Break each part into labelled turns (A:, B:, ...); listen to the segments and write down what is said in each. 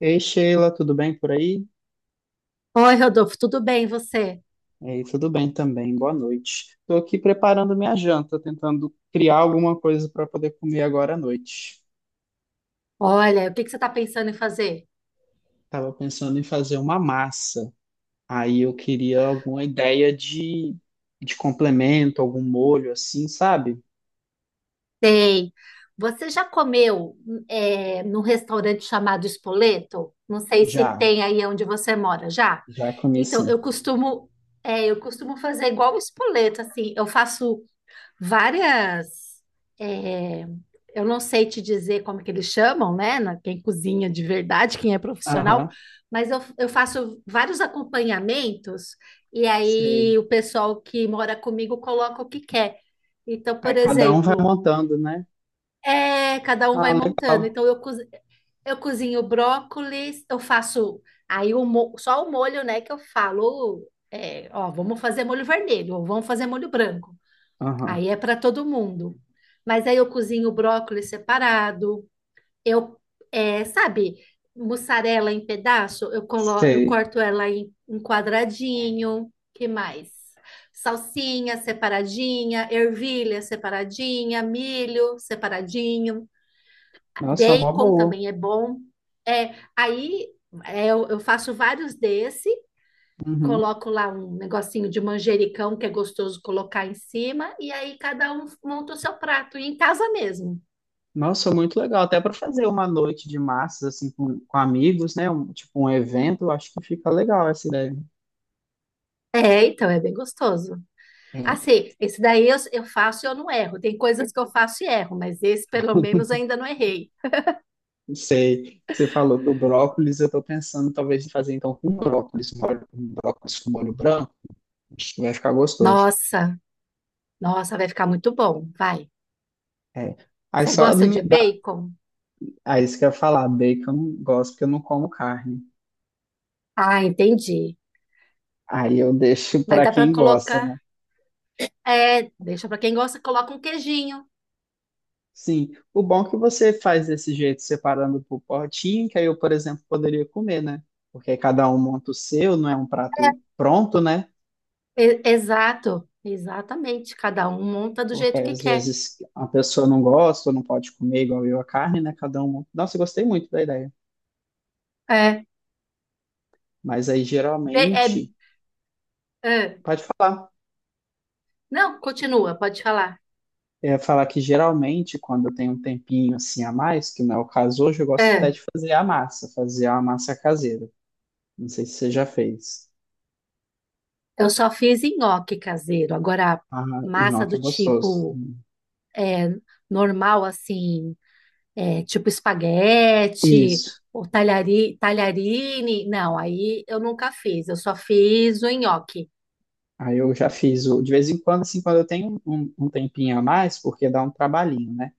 A: Ei, Sheila, tudo bem por aí?
B: Oi, Rodolfo, tudo bem e você?
A: Ei, tudo bem também, boa noite. Estou aqui preparando minha janta, tentando criar alguma coisa para poder comer agora à noite.
B: Olha, o que que você está pensando em fazer?
A: Estava pensando em fazer uma massa, aí eu queria alguma ideia de complemento, algum molho assim, sabe?
B: Sei. Você já comeu num restaurante chamado Spoleto? Não sei se
A: Já,
B: tem aí onde você mora já.
A: já comi
B: Então, eu
A: sim.
B: costumo, eu costumo fazer igual o Spoleto, assim. Eu faço várias. é, eu não sei te dizer como que eles chamam, né? Quem cozinha de verdade, quem é profissional,
A: Aham,
B: mas eu faço vários acompanhamentos, e
A: sei.
B: aí o pessoal que mora comigo coloca o que quer. Então,
A: Aí
B: por
A: cada um vai
B: exemplo,
A: montando, né?
B: é, cada um
A: Ah,
B: vai montando.
A: legal.
B: Eu cozinho brócolis, eu faço aí só o molho, né? Que eu falo, é, ó, vamos fazer molho vermelho, ou vamos fazer molho branco.
A: Aham,
B: Aí é para todo mundo. Mas aí eu cozinho o brócolis separado. Eu, é, sabe, mussarela em pedaço, eu
A: sei.
B: corto ela em, em quadradinho. Que mais? Salsinha separadinha, ervilha separadinha, milho separadinho,
A: Nossa, é uma
B: bacon
A: boa.
B: também é bom. É, aí é, eu faço vários desse,
A: Uhum.
B: coloco lá um negocinho de manjericão que é gostoso colocar em cima, e aí cada um monta o seu prato, e em casa mesmo.
A: Nossa, muito legal. Até para fazer uma noite de massas, assim, com amigos, né? Tipo um evento, eu acho que fica legal essa ideia.
B: É, então é bem gostoso.
A: É,
B: Assim, esse daí eu faço e eu não erro. Tem coisas que eu faço e erro, mas esse pelo menos ainda não errei.
A: não sei, você falou do brócolis, eu tô pensando talvez em fazer então com brócolis, um brócolis com molho branco, acho que vai ficar gostoso.
B: Nossa, nossa, vai ficar muito bom, vai.
A: É. Aí
B: Você
A: só,
B: gosta de bacon?
A: aí isso que eu ia falar, bacon eu não gosto porque eu não como carne.
B: Ah, entendi.
A: Aí eu deixo
B: Mas
A: para
B: dá para
A: quem gosta,
B: colocar.
A: né?
B: É, deixa para quem gosta, coloca um queijinho.
A: Sim, o bom é que você faz desse jeito, separando por potinho, que aí eu, por exemplo, poderia comer, né? Porque aí cada um monta o seu, não é um prato pronto, né?
B: Exato, exatamente. Cada um monta do
A: Porque
B: jeito que
A: às
B: quer.
A: vezes a pessoa não gosta ou não pode comer igual eu a carne, né? Cada um monta. Nossa, eu gostei muito da ideia.
B: É.
A: Mas aí
B: É,
A: geralmente,
B: é.
A: pode falar.
B: Não, continua, pode falar.
A: É falar que geralmente, quando eu tenho um tempinho assim a mais, que não é o caso hoje, eu gosto até
B: É,
A: de fazer a massa caseira. Não sei se você já fez.
B: eu só fiz nhoque caseiro. Agora,
A: Ah,
B: massa
A: nhoque é
B: do
A: gostoso.
B: tipo normal, assim, é, tipo espaguete,
A: Isso.
B: ou talhari, talharine. Não, aí eu nunca fiz, eu só fiz o nhoque.
A: Aí eu já fiz de vez em quando, assim, quando eu tenho um tempinho a mais, porque dá um trabalhinho, né?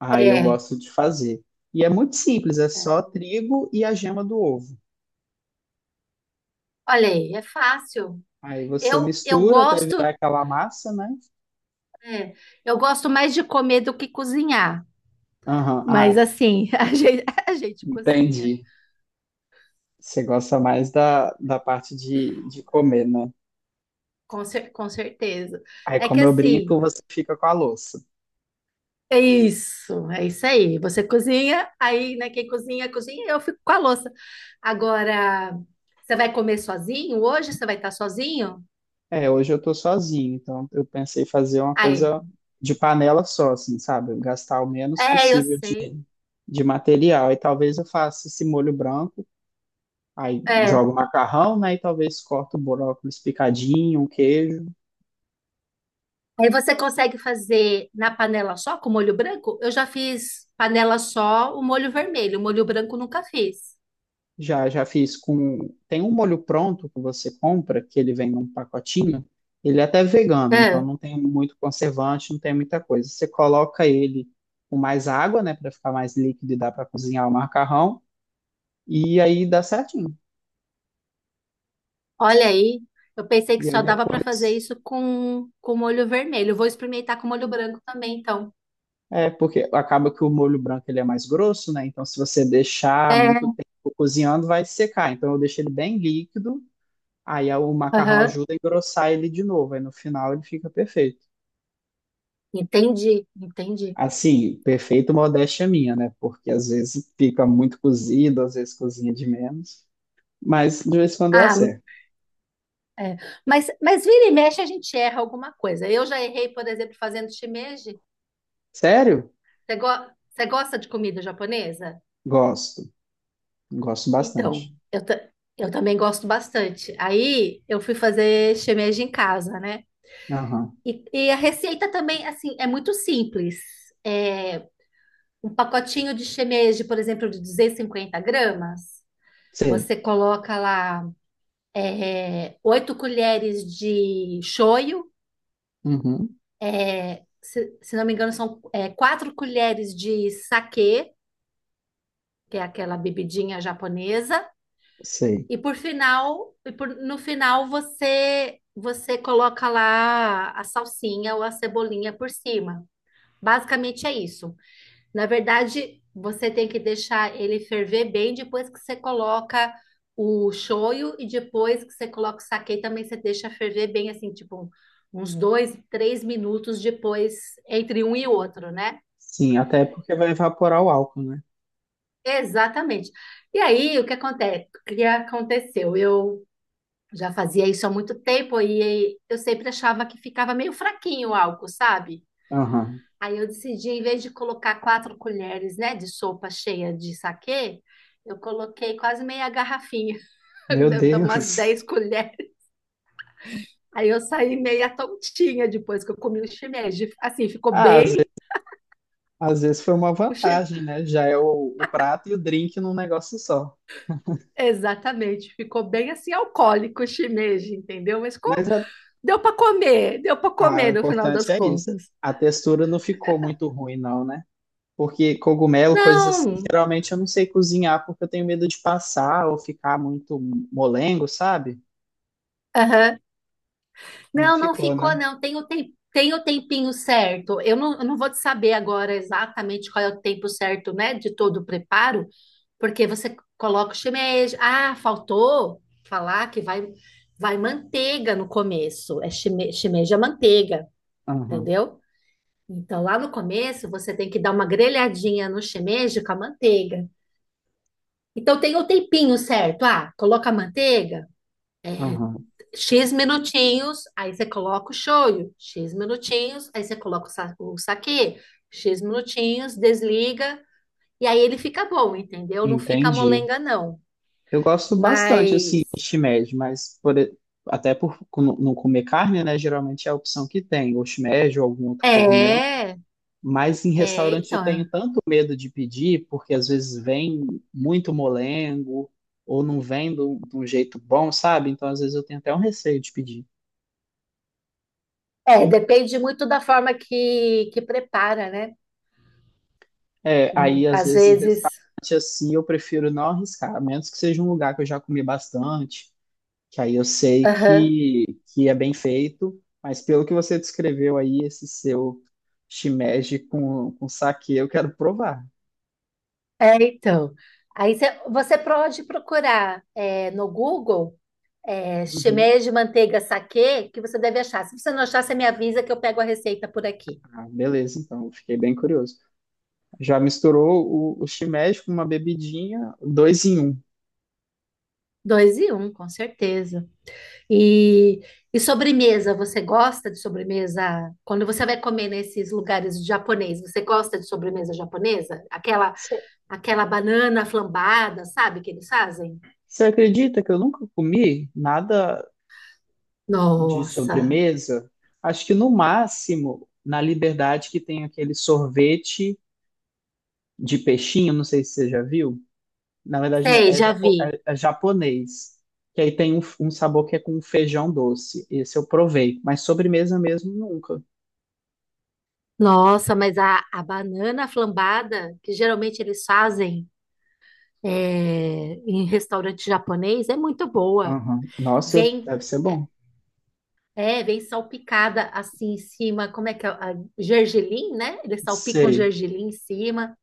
A: Aí eu gosto de fazer. E é muito simples, é
B: É.
A: só trigo e a gema do ovo.
B: Olha aí, é fácil.
A: Aí você
B: Eu
A: mistura até
B: gosto,
A: virar aquela massa, né?
B: é, eu gosto mais de comer do que cozinhar.
A: Aham,
B: Mas
A: ah,
B: assim, a gente cozinha,
A: entendi. Você gosta mais da parte de comer, né?
B: com certeza.
A: Aí,
B: É que
A: como eu
B: assim.
A: brinco, você fica com a louça.
B: É isso aí. Você cozinha, aí, né, quem cozinha, cozinha, eu fico com a louça. Agora, você vai comer sozinho? Hoje você vai estar sozinho?
A: É, hoje eu tô sozinho, então eu pensei em fazer uma
B: Aí,
A: coisa de panela só, assim, sabe? Gastar o menos
B: é, eu
A: possível
B: sei.
A: de material. E talvez eu faça esse molho branco, aí
B: É.
A: jogo o macarrão, né? E talvez corto o brócolis picadinho, um queijo.
B: Aí você consegue fazer na panela só com molho branco? Eu já fiz panela só o molho vermelho, o molho branco nunca fiz.
A: Já fiz com. Tem um molho pronto que você compra, que ele vem num pacotinho. Ele é até vegano, então
B: É,
A: não tem muito conservante, não tem muita coisa. Você coloca ele com mais água, né, para ficar mais líquido e dá para cozinhar o macarrão, e aí dá certinho.
B: olha aí, eu pensei que
A: E aí
B: só dava para fazer
A: depois
B: isso com molho vermelho. Eu vou experimentar com molho branco também, então.
A: é, porque acaba que o molho branco ele é mais grosso, né? Então, se você deixar
B: É,
A: muito tempo cozinhando, vai secar. Então, eu deixo ele bem líquido, aí o macarrão
B: aham,
A: ajuda a engrossar ele de novo. Aí, no final, ele fica perfeito.
B: entendi, entendi.
A: Assim, perfeito, modéstia minha, né? Porque às vezes fica muito cozido, às vezes cozinha de menos. Mas de vez em quando eu
B: Ah,
A: acerto.
B: é. Mas vira e mexe a gente erra alguma coisa. Eu já errei, por exemplo, fazendo shimeji.
A: Sério?
B: Você, você gosta de comida japonesa?
A: Gosto. Gosto
B: Então,
A: bastante.
B: eu, ta- eu também gosto bastante. Aí eu fui fazer shimeji em casa, né?
A: Aham.
B: E a receita também, assim, é muito simples. É, um pacotinho de shimeji, por exemplo, de 250 gramas,
A: Sei.
B: você coloca lá é, 8 colheres de shoyu.
A: Uhum.
B: É, se não me engano, são é, 4 colheres de saquê, que é aquela bebidinha japonesa,
A: Sei.
B: e por final, e por- no final você você coloca lá a salsinha ou a cebolinha por cima. Basicamente é isso. Na verdade, você tem que deixar ele ferver bem depois que você coloca o shoyu, e depois que você coloca o saquê também você deixa ferver bem assim, tipo uns 2, 3 minutos depois, entre um e outro, né?
A: Sim, até porque vai evaporar o álcool, né?
B: Exatamente. E aí, o que aconteceu? Eu já fazia isso há muito tempo e eu sempre achava que ficava meio fraquinho o álcool, sabe?
A: Aham.
B: Aí eu decidi, em vez de colocar 4 colheres, né, de sopa cheia de saquê, eu coloquei quase meia garrafinha,
A: Meu
B: deve dar umas
A: Deus.
B: 10 colheres. Aí eu saí meia tontinha depois que eu comi o shimeji. Assim, ficou
A: Ah, às ve-
B: bem...
A: Às vezes, foi uma
B: o shi-
A: vantagem, né? Já é o prato e o drink num negócio só.
B: Exatamente, ficou bem assim alcoólico o shimeji, entendeu? Mas com.
A: Mas a-
B: Deu para
A: ah, o
B: comer no final
A: importante
B: das
A: é isso.
B: contas.
A: A textura não ficou muito ruim, não, né? Porque cogumelo, coisas assim,
B: Não,
A: geralmente eu não sei cozinhar porque eu tenho medo de passar ou ficar muito molengo, sabe?
B: aham,
A: Não
B: não, não
A: ficou,
B: ficou,
A: né?
B: não. Tem o, tem, tem o tempinho certo. Eu não vou te saber agora exatamente qual é o tempo certo, né, de todo o preparo, porque você coloca o shimeji. Ah, faltou falar que vai manteiga no começo. É shimeji é manteiga,
A: Aham,
B: entendeu? Então, lá no começo, você tem que dar uma grelhadinha no shimeji com a manteiga. Então, tem o tempinho certo. Ah, coloca a manteiga.
A: aham.
B: X minutinhos, aí você coloca o shoyu. X minutinhos, aí você coloca o saquê. X minutinhos, desliga. E aí ele fica bom, entendeu? Não fica
A: Entendi.
B: molenga, não.
A: Eu gosto bastante, assim,
B: Mas.
A: de shimeji, até não comer carne, né? Geralmente é a opção que tem, ou shimeji ou algum outro cogumelo.
B: É,
A: Mas em
B: é,
A: restaurante eu
B: então.
A: tenho tanto medo de pedir, porque às vezes vem muito molengo, ou não vem de um jeito bom, sabe? Então às vezes eu tenho até um receio de pedir.
B: É, depende muito da forma que prepara, né?
A: É, aí às
B: Às
A: vezes em
B: vezes.
A: restaurante assim eu prefiro não arriscar, a menos que seja um lugar que eu já comi bastante, que aí eu sei
B: Aham.
A: que é bem feito. Mas pelo que você descreveu aí, esse seu shimeji com saquê, eu quero provar.
B: É, então. Aí você, você pode procurar é, no Google. É,
A: Uhum.
B: shimeia de manteiga saquê que você deve achar. Se você não achar, você me avisa que eu pego a receita por aqui.
A: Ah, beleza, então, fiquei bem curioso. Já misturou o shimeji com uma bebidinha, dois em um.
B: Dois e um, com certeza. E, e sobremesa, você gosta de sobremesa? Quando você vai comer nesses lugares japonês, você gosta de sobremesa japonesa? Aquela, aquela banana flambada, sabe, que eles fazem?
A: Você acredita que eu nunca comi nada de
B: Nossa,
A: sobremesa? Acho que no máximo, na Liberdade, que tem aquele sorvete de peixinho, não sei se você já viu. Na verdade,
B: sei, já vi.
A: é japonês. Que aí tem um sabor que é com feijão doce. Esse eu provei, mas sobremesa mesmo nunca.
B: Nossa, mas a banana flambada, que geralmente eles fazem é, em restaurante japonês, é muito boa.
A: Aham. Nossa,
B: Vem
A: deve ser
B: é,
A: bom.
B: é, vem salpicada assim em cima, como é que é? A gergelim, né? Eles salpicam
A: Sei.
B: gergelim em cima.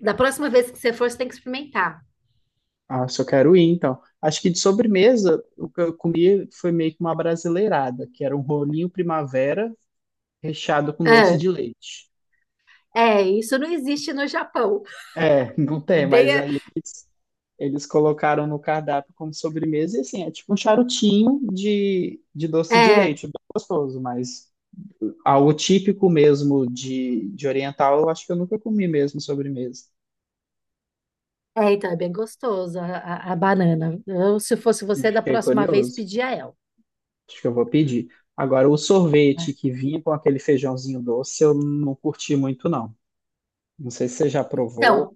B: Da próxima vez que você for, você tem que experimentar.
A: Ah, se eu quero ir, então. Acho que de sobremesa, o que eu comi foi meio que uma brasileirada, que era um rolinho primavera recheado com doce
B: É,
A: de leite.
B: é, isso não existe no Japão.
A: É, não
B: É,
A: tem,
B: bem,
A: mas aí eles colocaram no cardápio como sobremesa, e assim, é tipo um charutinho de doce de
B: é,
A: leite, é bem gostoso, mas algo típico mesmo de oriental, eu acho que eu nunca comi mesmo sobremesa.
B: é, então é bem gostoso a, a banana. Eu, se fosse
A: E
B: você, da
A: fiquei
B: próxima vez,
A: curioso.
B: pedia ela.
A: Acho que eu vou pedir. Agora, o sorvete
B: Né?
A: que vinha com aquele feijãozinho doce, eu não curti muito, não. Não sei se você já provou.
B: Então,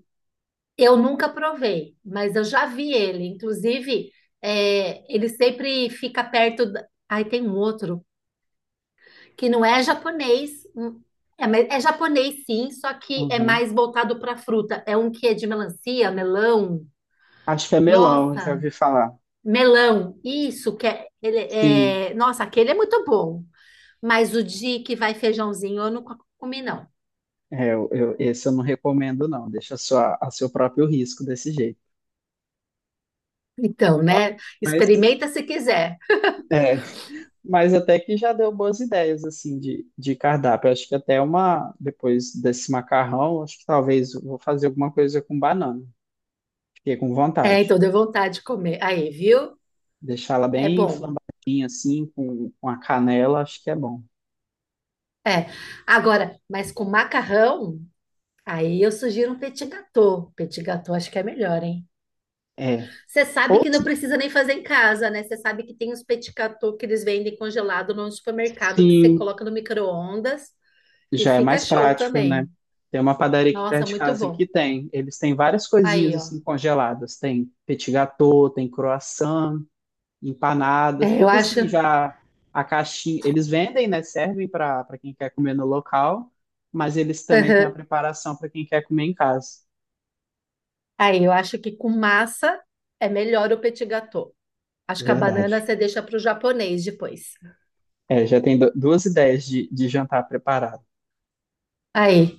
B: eu nunca provei, mas eu já vi ele. Inclusive, é, ele sempre fica perto. Ai, tem um outro. Que não é japonês. Hum, é, mas é japonês, sim, só que é
A: Uhum.
B: mais voltado para fruta. É um que é de melancia, melão.
A: Acho que é melão, já
B: Nossa,
A: ouvi falar.
B: melão. Isso que é, ele
A: Sim,
B: é... Nossa, aquele é muito bom. Mas o de que vai feijãozinho, eu não comi, não.
A: é, esse eu não recomendo, não. Deixa a seu próprio risco desse jeito.
B: Então, né?
A: Mas,
B: Experimenta se quiser.
A: é, mas até que já deu boas ideias, assim, de cardápio. Acho que até uma, depois desse macarrão, acho que talvez eu vou fazer alguma coisa com banana. Fiquei com
B: É,
A: vontade.
B: então deu vontade de comer. Aí, viu?
A: Deixá-la
B: É
A: bem
B: bom.
A: flambadinha, assim, com a canela, acho que é bom.
B: É. Agora, mas com macarrão, aí eu sugiro um petit gâteau. Petit gâteau acho que é melhor, hein?
A: É.
B: Você sabe
A: Ou
B: que não precisa nem fazer em casa, né? Você sabe que tem os petit gâteaux que eles vendem congelado no supermercado que você
A: sim.
B: coloca no micro-ondas e
A: Já é
B: fica
A: mais
B: show
A: prático, né?
B: também.
A: Tem uma padaria aqui
B: Nossa,
A: perto de
B: muito
A: casa que
B: bom.
A: tem. Eles têm várias coisinhas
B: Aí, ó.
A: assim congeladas. Tem petit gâteau, tem croissant, empanadas,
B: É, eu
A: tudo
B: acho.
A: assim já a caixinha. Eles vendem, né? Servem para quem quer comer no local, mas eles também têm a
B: Aham.
A: preparação para quem quer comer em casa.
B: Aí, eu acho que com massa é melhor o petit gâteau. Acho que a
A: Verdade.
B: banana você deixa para o japonês depois.
A: É, já tem duas ideias de jantar preparado.
B: Aí,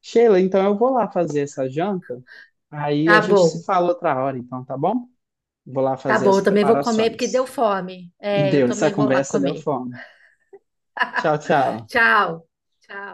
A: Sheila, então eu vou lá fazer essa janta. Aí a
B: tá
A: gente se
B: bom.
A: fala outra hora, então, tá bom? Vou lá
B: Tá
A: fazer
B: bom,
A: as
B: eu também vou comer porque deu
A: preparações.
B: fome. É, eu
A: Deu, essa
B: também vou lá
A: conversa deu
B: comer.
A: fome. Tchau, tchau.
B: Tchau. Tchau.